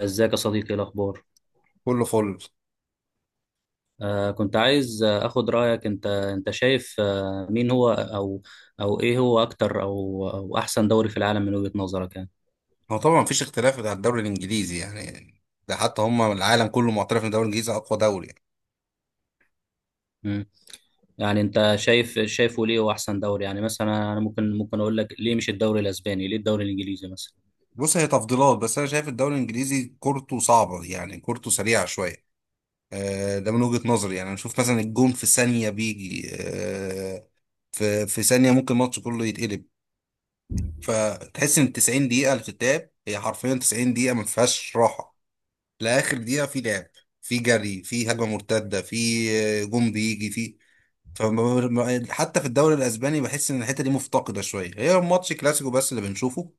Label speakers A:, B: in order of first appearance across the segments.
A: ازيك يا صديقي، إيه الاخبار؟
B: كله فل.
A: كنت عايز اخد رايك. انت شايف مين هو او ايه هو اكتر او احسن دوري في العالم من وجهة نظرك يعني.
B: هو طبعا مفيش اختلاف على الدوري الانجليزي يعني، ده حتى هم العالم كله معترف ان الدوري الانجليزي اقوى دوري يعني.
A: مم. يعني انت شايفه ليه هو احسن دوري يعني؟ مثلا انا ممكن اقول لك ليه مش الدوري الاسباني، ليه الدوري الانجليزي مثلا.
B: بص، هي تفضيلات بس انا شايف الدوري الانجليزي كورته صعبه يعني، كورته سريعه شويه. ده من وجهه نظري يعني، انا اشوف مثلا الجون في ثانيه بيجي، في ثانيه ممكن الماتش كله يتقلب. فتحس ان 90 دقيقه اللي بتتلعب هي حرفيا 90 دقيقه ما فيهاش راحه لاخر دقيقه، في لعب، في جري، في هجمه مرتده، في جون بيجي في. حتى في الدوري الاسباني بحس ان الحته دي مفتقده شويه، هي ماتش كلاسيكو بس اللي بنشوفه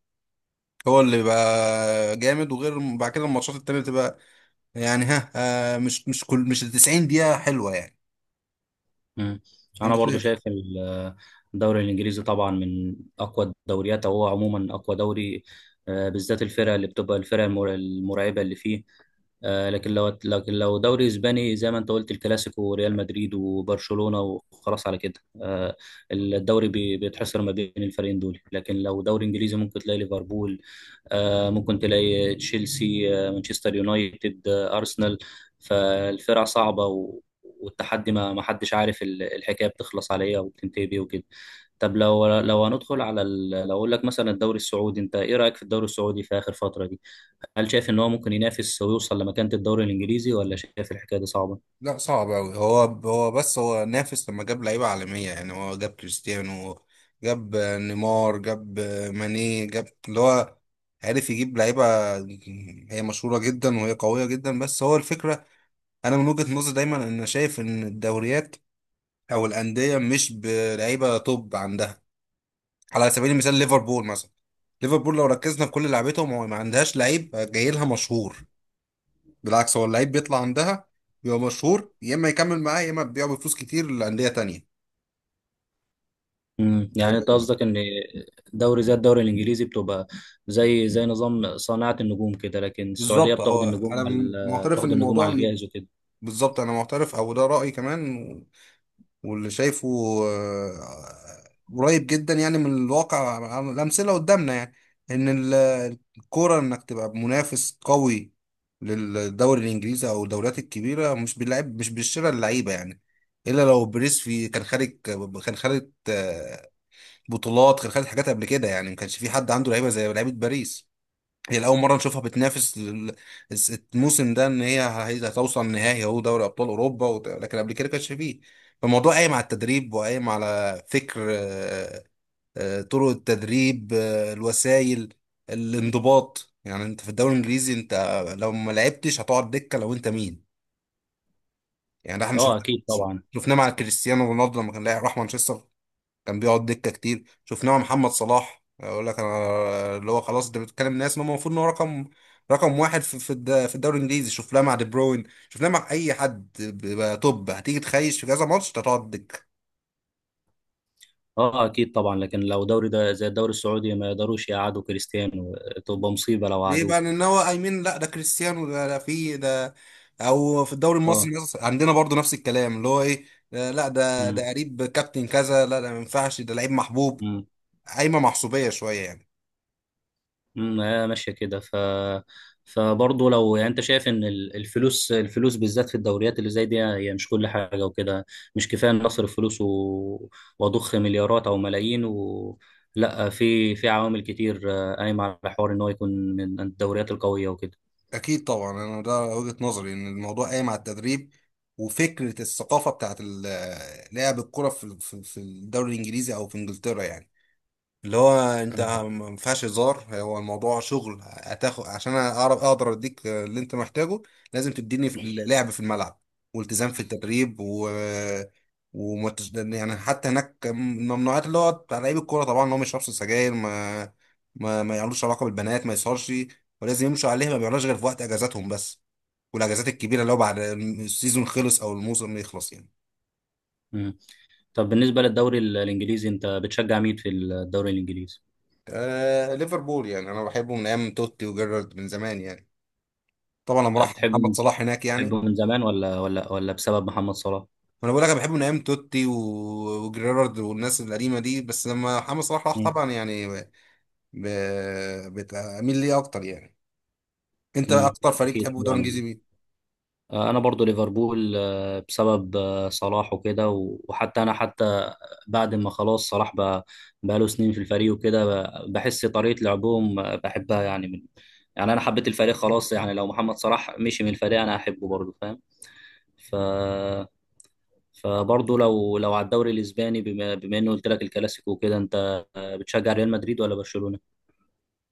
B: هو اللي بقى جامد، وغير بعد كده الماتشات التانية بتبقى يعني ها، مش ال 90 دقيقة حلوة يعني.
A: مم. انا
B: انت
A: برضو
B: شايف؟
A: شايف الدوري الانجليزي طبعا من اقوى الدوريات، او هو عموما اقوى دوري. بالذات الفرق اللي بتبقى الفرق المرعبه اللي فيه. لكن لو لكن لو دوري اسباني زي ما انت قلت الكلاسيكو وريال مدريد وبرشلونة وخلاص على كده. آه، الدوري بيتحصر ما بين الفريقين دول، لكن لو دوري انجليزي ممكن تلاقي ليفربول، ممكن تلاقي تشيلسي، مانشستر يونايتد، ارسنال. فالفرق صعبة والتحدي ما حدش عارف الحكاية بتخلص على ايه وبتنتهي بيه وكده. طب لو هندخل على لو اقول لك مثلا الدوري السعودي، انت ايه رأيك في الدوري السعودي في آخر فترة دي؟ هل شايف ان هو ممكن ينافس ويوصل لمكانة الدوري الانجليزي، ولا شايف الحكاية دي صعبة؟
B: لا، صعب قوي هو. هو بس هو نافس لما جاب لعيبة عالمية يعني، هو جاب كريستيانو، جاب نيمار، جاب ماني، جاب اللي هو عارف يجيب لعيبة هي مشهورة جدا وهي قوية جدا، بس هو الفكرة. انا من وجهة نظري دايما ان شايف ان الدوريات او الانديه مش بلعيبه توب عندها. على سبيل المثال ليفربول مثلا، ليفربول لو ركزنا في كل لعيبتهم هو ما عندهاش لعيب جاي لها مشهور، بالعكس هو اللعيب بيطلع عندها، بيبقى مشهور، يا اما يكمل معاه يا اما بيبيعه بفلوس كتير لانديه تانية. آه،
A: يعني انت قصدك ان دوري زي الدوري الانجليزي بتبقى زي نظام صناعة النجوم كده، لكن السعودية
B: بالظبط هو،
A: بتاخد النجوم على
B: معترف
A: بتاخد
B: ان
A: النجوم
B: الموضوع
A: على
B: انه
A: الجاهز وكده.
B: بالظبط، انا معترف او ده رايي كمان واللي شايفه آه، قريب جدا يعني من الواقع، عن الأمثلة قدامنا يعني، إن الكورة إنك تبقى منافس قوي للدوري الإنجليزي أو الدوريات الكبيرة مش باللعب، مش بالشراء اللعيبة يعني. إلا لو بريسفي كان خارج، كان خارج آه، بطولات، كان خارج حاجات قبل كده يعني، ما كانش في حد عنده لعيبة زي لعيبة باريس، هي لأول مرة نشوفها بتنافس الموسم ده، إن هتوصل نهائي أهو دوري أبطال أوروبا، لكن قبل كده كانش فيه. فالموضوع قايم على التدريب وقايم على فكر، طرق التدريب، الوسائل، الانضباط يعني. أنت في الدوري الإنجليزي أنت لو ما لعبتش هتقعد دكة لو أنت مين، يعني ده إحنا
A: اه
B: شفناه،
A: اكيد طبعا.
B: شفناه مع كريستيانو رونالدو لما كان لاعب راح مانشستر، كان بيقعد دكه كتير، شفناه مع محمد صلاح، اقول لك انا اللي هو خلاص، انت بتتكلم ناس ما هو المفروض ان هو رقم واحد في الدوري الانجليزي، شفناه مع دي بروين، شفناه مع اي حد بيبقى توب، هتيجي تخيش في كذا ماتش أنت هتقعد دكه.
A: اه اكيد طبعا، لكن لو دوري ده زي الدوري السعودي ما يقدروش يقعدوا كريستيانو، تبقى مصيبة لو
B: ليه
A: قعدوه.
B: بقى؟ لان هو ايمن، لا ده كريستيانو، ده في ده، او في الدوري المصري
A: اه.
B: مثلا عندنا برضو نفس الكلام اللي هو ايه، لا ده قريب كابتن كذا، لا ده ما ينفعش، ده لعيب محبوب،
A: امم.
B: قايمه محسوبيه شويه يعني.
A: هي ماشيه كده ف فبرضه لو يعني انت شايف ان الفلوس بالذات في الدوريات اللي زي دي هي مش كل حاجه وكده. مش كفايه ان اصرف فلوس و واضخ مليارات او ملايين و لا، في عوامل كتير قايمه على حوار ان هو يكون من الدوريات القويه وكده.
B: أكيد طبعا، أنا ده وجهة نظري إن الموضوع قايم على التدريب وفكرة الثقافة بتاعت لعب الكرة في الدوري الإنجليزي أو في إنجلترا يعني. اللي هو انت
A: تمام.
B: ما ينفعش هزار، هو الموضوع شغل، هتاخد عشان اعرف اقدر اديك اللي انت محتاجه، لازم تديني لعب في الملعب، والتزام في التدريب، يعني حتى هناك الممنوعات اللي هو بتاع لعيب الكوره طبعا، اللي هو ما يشربش سجاير، ما يعملوش علاقه بالبنات، ما يسهرش، ولازم يمشوا عليها، ما بيعملوش غير في وقت اجازاتهم بس، والاجازات الكبيره اللي هو بعد السيزون خلص او الموسم يخلص يعني.
A: امم. طب بالنسبه للدوري الانجليزي، انت بتشجع مين في الدوري الانجليزي؟
B: آه، ليفربول يعني، انا بحبه من ايام توتي وجيرارد من زمان يعني، طبعا لما راح
A: بتحبه من
B: محمد صلاح هناك يعني.
A: بتحبه من زمان ولا بسبب محمد صلاح؟
B: وانا بقول لك، انا بحبه من ايام توتي وجيرارد والناس القديمه دي، بس لما محمد صلاح راح
A: امم.
B: طبعا يعني بتميل ليه اكتر يعني. انت
A: امم.
B: اكتر فريق
A: اكيد
B: بتحبه في الدوري الانجليزي
A: طبعا.
B: مين؟
A: انا برضو ليفربول، بسبب صلاح وكده، وحتى انا حتى بعد ما خلاص صلاح بقى بقاله سنين في الفريق وكده، بحس طريقة لعبهم بحبها يعني. من يعني انا حبيت الفريق خلاص، يعني لو محمد صلاح مشي من الفريق انا هحبه برضو، فاهم؟ ف فبرضه لو على الدوري الاسباني، بما انه قلت لك الكلاسيكو وكده، انت بتشجع ريال مدريد ولا برشلونة؟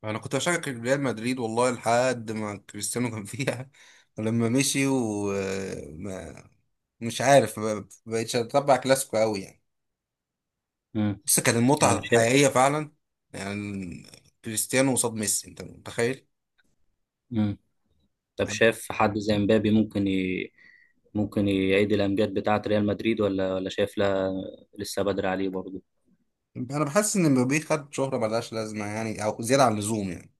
B: انا كنت بشجع ريال مدريد والله لحد ما كريستيانو كان فيها لما مشي، ومش عارف، ما بقتش اتبع كلاسيكو قوي يعني.
A: امم.
B: بس كانت المتعه
A: يعني شايف.
B: الحقيقيه فعلا، يعني كريستيانو قصاد ميسي، انت متخيل؟
A: امم. طب شايف حد زي مبابي ممكن ممكن يعيد الأمجاد بتاعة ريال مدريد، ولا شايف لا، لسه بدري عليه برضه؟
B: انا بحس ان مبابي خد شهره ملهاش لازمه يعني، او زياده عن اللزوم يعني،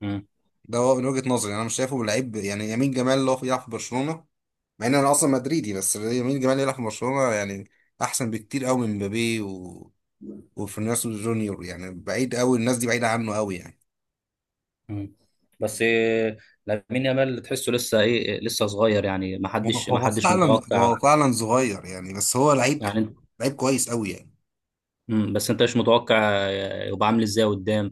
A: مم.
B: ده هو من وجهه نظري، انا مش شايفه لعيب يعني. يمين جمال اللي هو بيلعب في برشلونه، مع ان انا اصلا مدريدي، بس يمين جمال يلعب في برشلونه يعني احسن بكتير قوي من مبابي وفينيسيوس جونيور يعني، بعيد قوي، الناس دي بعيده عنه قوي يعني.
A: مم. بس إيه، لامين يامال تحسه لسه ايه، لسه صغير يعني، ما
B: هو
A: حدش ما
B: هو
A: حدش
B: فعلا هو
A: متوقع.
B: فعلا صغير يعني، بس هو لعيب،
A: يعني انت.
B: لعيب كويس قوي يعني.
A: مم، بس انت مش متوقع يبقى عامل ازاي قدام؟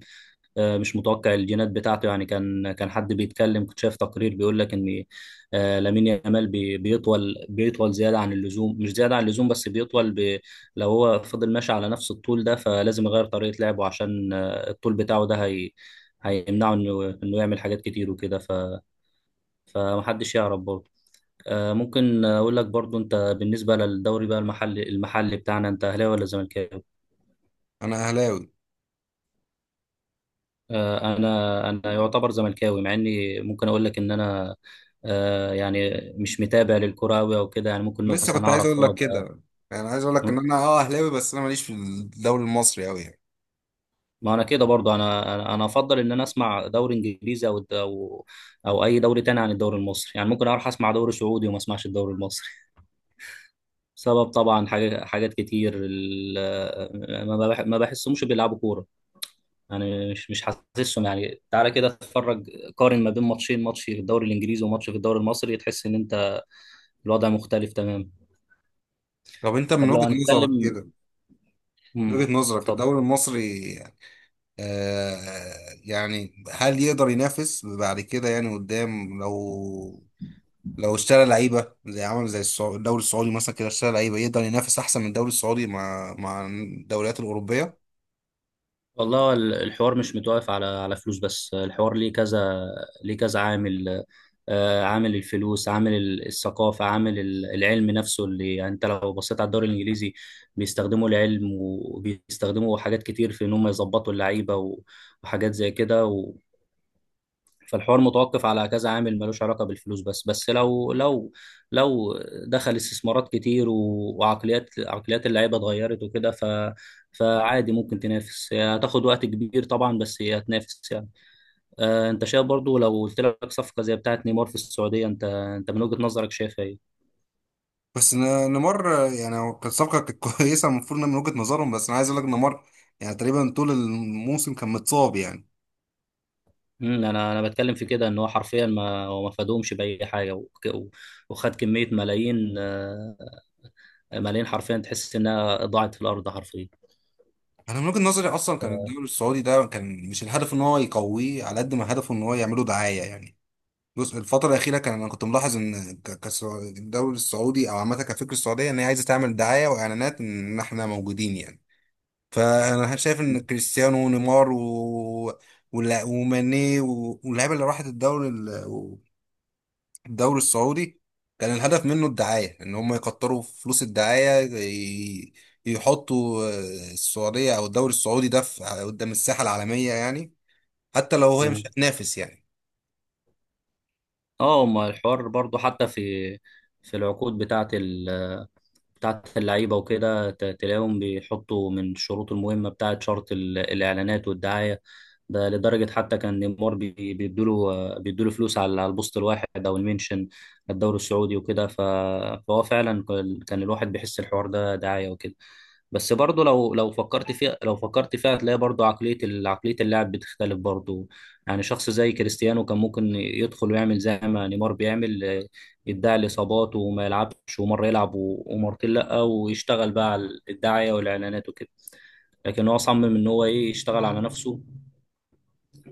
A: مش متوقع الجينات بتاعته يعني. كان حد بيتكلم، كنت شايف تقرير بيقول لك ان لامين يامال بيطول زياده عن اللزوم، مش زياده عن اللزوم بس بيطول لو هو فضل ماشي على نفس الطول ده فلازم يغير طريقه لعبه عشان الطول بتاعه ده هيمنعه انه يعمل حاجات كتير وكده فمحدش يعرف برضه. ممكن اقول لك برضه، انت بالنسبه للدوري بقى المحلي بتاعنا، انت اهلاوي ولا زملكاوي؟
B: انا اهلاوي.
A: انا يعتبر زملكاوي، مع اني ممكن اقول لك ان انا يعني مش متابع للكرة أوي او كده يعني. ممكن
B: لسه
A: مثلا
B: كنت عايز
A: اعرف
B: اقول لك
A: اه
B: كده، يعني عايز اقول لك ان
A: ده-
B: انا اهلاوي بس انا ماليش في الدوري المصري قوي يعني.
A: ما انا كده برضو. انا انا أنا افضل ان انا اسمع دوري انجليزي او او اي دوري تاني عن الدوري المصري. يعني ممكن اروح اسمع دوري سعودي وما اسمعش الدوري المصري. سبب طبعا حاجات كتير ما بحسهمش بيلعبوا كورة يعني. مش حاسسهم، يعني تعالى كده اتفرج، قارن ما بين ماتشين، ماتش في الدوري الانجليزي وماتش في الدوري المصري، تحس ان انت الوضع مختلف تماما.
B: طب انت من
A: طب لو
B: وجهه نظرك
A: هنتكلم.
B: كده، من
A: امم.
B: وجهة نظرك
A: اتفضل.
B: الدوري المصري، آه يعني هل يقدر ينافس بعد كده يعني قدام، لو اشترى لعيبة زي عمل زي الدوري السعودي مثلا كده اشترى لعيبة، يقدر ينافس أحسن من الدوري السعودي مع الدوريات الأوروبية؟
A: والله الحوار مش متوقف على فلوس بس، الحوار ليه كذا، ليه كذا عامل. عامل الفلوس، عامل الثقافة، عامل العلم نفسه، اللي يعني انت لو بصيت على الدوري الانجليزي بيستخدموا العلم وبيستخدموا حاجات كتير في ان هم يظبطوا اللعيبة وحاجات زي كده. فالحوار متوقف على كذا عامل، ملوش علاقة بالفلوس بس. بس لو دخل استثمارات كتير وعقليات اللعيبة اتغيرت وكده، ف فعادي ممكن تنافس. هي هتاخد وقت كبير طبعا بس هي هتنافس يعني. انت شايف برضو لو قلت لك صفقة زي بتاعة نيمار في السعودية، انت من وجهة نظرك شايف ايه؟
B: بس نيمار يعني هو كانت صفقة، كانت كويسة المفروض إنها من وجهة نظرهم، بس أنا عايز أقول لك نيمار يعني تقريبا طول الموسم كان متصاب يعني.
A: مم، انا بتكلم في كده ان هو حرفيا ما هو ما فادهمش بأي حاجة وخد كمية ملايين ملايين حرفيا، تحس انها ضاعت في الارض حرفيا.
B: أنا من وجهة نظري أصلا كان الدوري السعودي ده، كان مش الهدف إن هو يقويه على قد ما هدفه إن هو يعمله دعاية يعني. بص، الفترة الأخيرة كان أنا كنت ملاحظ إن الدوري السعودي، أو عامة كفكرة السعودية، إن هي عايزة تعمل دعاية وإعلانات إن إحنا موجودين يعني، فأنا شايف إن كريستيانو ونيمار وماني واللعيبة اللي راحت الدوري الدوري السعودي، كان الهدف منه الدعاية، إن هم يكتروا فلوس الدعاية يحطوا السعودية أو الدوري السعودي ده قدام الساحة العالمية يعني، حتى لو هي مش
A: مم.
B: هتنافس يعني.
A: اه ما الحوار برضو حتى في في العقود بتاعت اللعيبة وكده، تلاقيهم بيحطوا من الشروط المهمة بتاعت شرط الإعلانات والدعاية. ده لدرجة حتى كان نيمار بيدوله فلوس على البوست الواحد أو المنشن الدوري السعودي وكده. فهو فعلا كان الواحد بيحس الحوار ده دعاية وكده. بس برضه لو فكرت فيها هتلاقي برضه عقلية عقلية اللاعب بتختلف برضه. يعني شخص زي كريستيانو كان ممكن يدخل ويعمل زي ما نيمار بيعمل، يدعي الإصابات وما يلعبش ومرة يلعب ومرتين لأ، ويشتغل بقى على الدعاية والإعلانات وكده. لكن هو صمم إن هو إيه، يشتغل على نفسه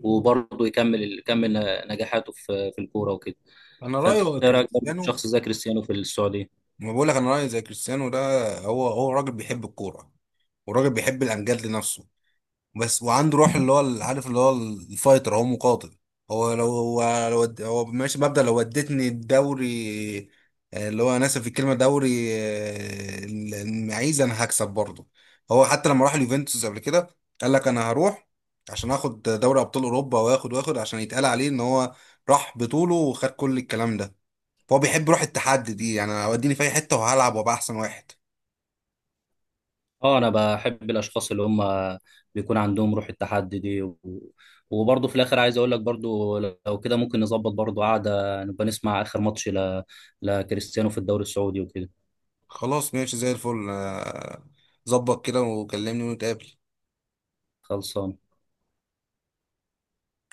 A: وبرضه يكمل نجاحاته في الكورة وكده.
B: أنا رأيي
A: فأنت
B: هو
A: إيه رأيك برضه في
B: كريستيانو،
A: شخص زي كريستيانو في السعودية؟
B: ما بقول لك انا رايي زي كريستيانو ده، هو راجل بيحب الكوره، وراجل بيحب الامجاد لنفسه بس، وعنده روح اللي هو عارف اللي هو الفايتر، هو مقاتل. هو ماشي مبدأ لو ودتني الدوري، اللي هو انا اسف في الكلمه، دوري المعيز، انا هكسب برضه. هو حتى لما راح اليوفنتوس قبل كده قال لك انا هروح عشان اخد دوري ابطال اوروبا، واخد عشان يتقال عليه ان هو راح بطوله وخد كل الكلام ده، فهو بيحب روح التحدي دي يعني، أنا وديني في اي حته وهلعب وابقى احسن واحد.
A: اه انا بحب الاشخاص اللي هم بيكون عندهم روح التحدي دي و وبرضه في الاخر عايز اقول لك برضه لو كده ممكن نظبط برضه قعده، نبقى نسمع اخر ماتش لكريستيانو في الدوري السعودي وكده.
B: خلاص، ماشي زي الفل. ظبط كده وكلمني ونتقابل.
A: خلصان.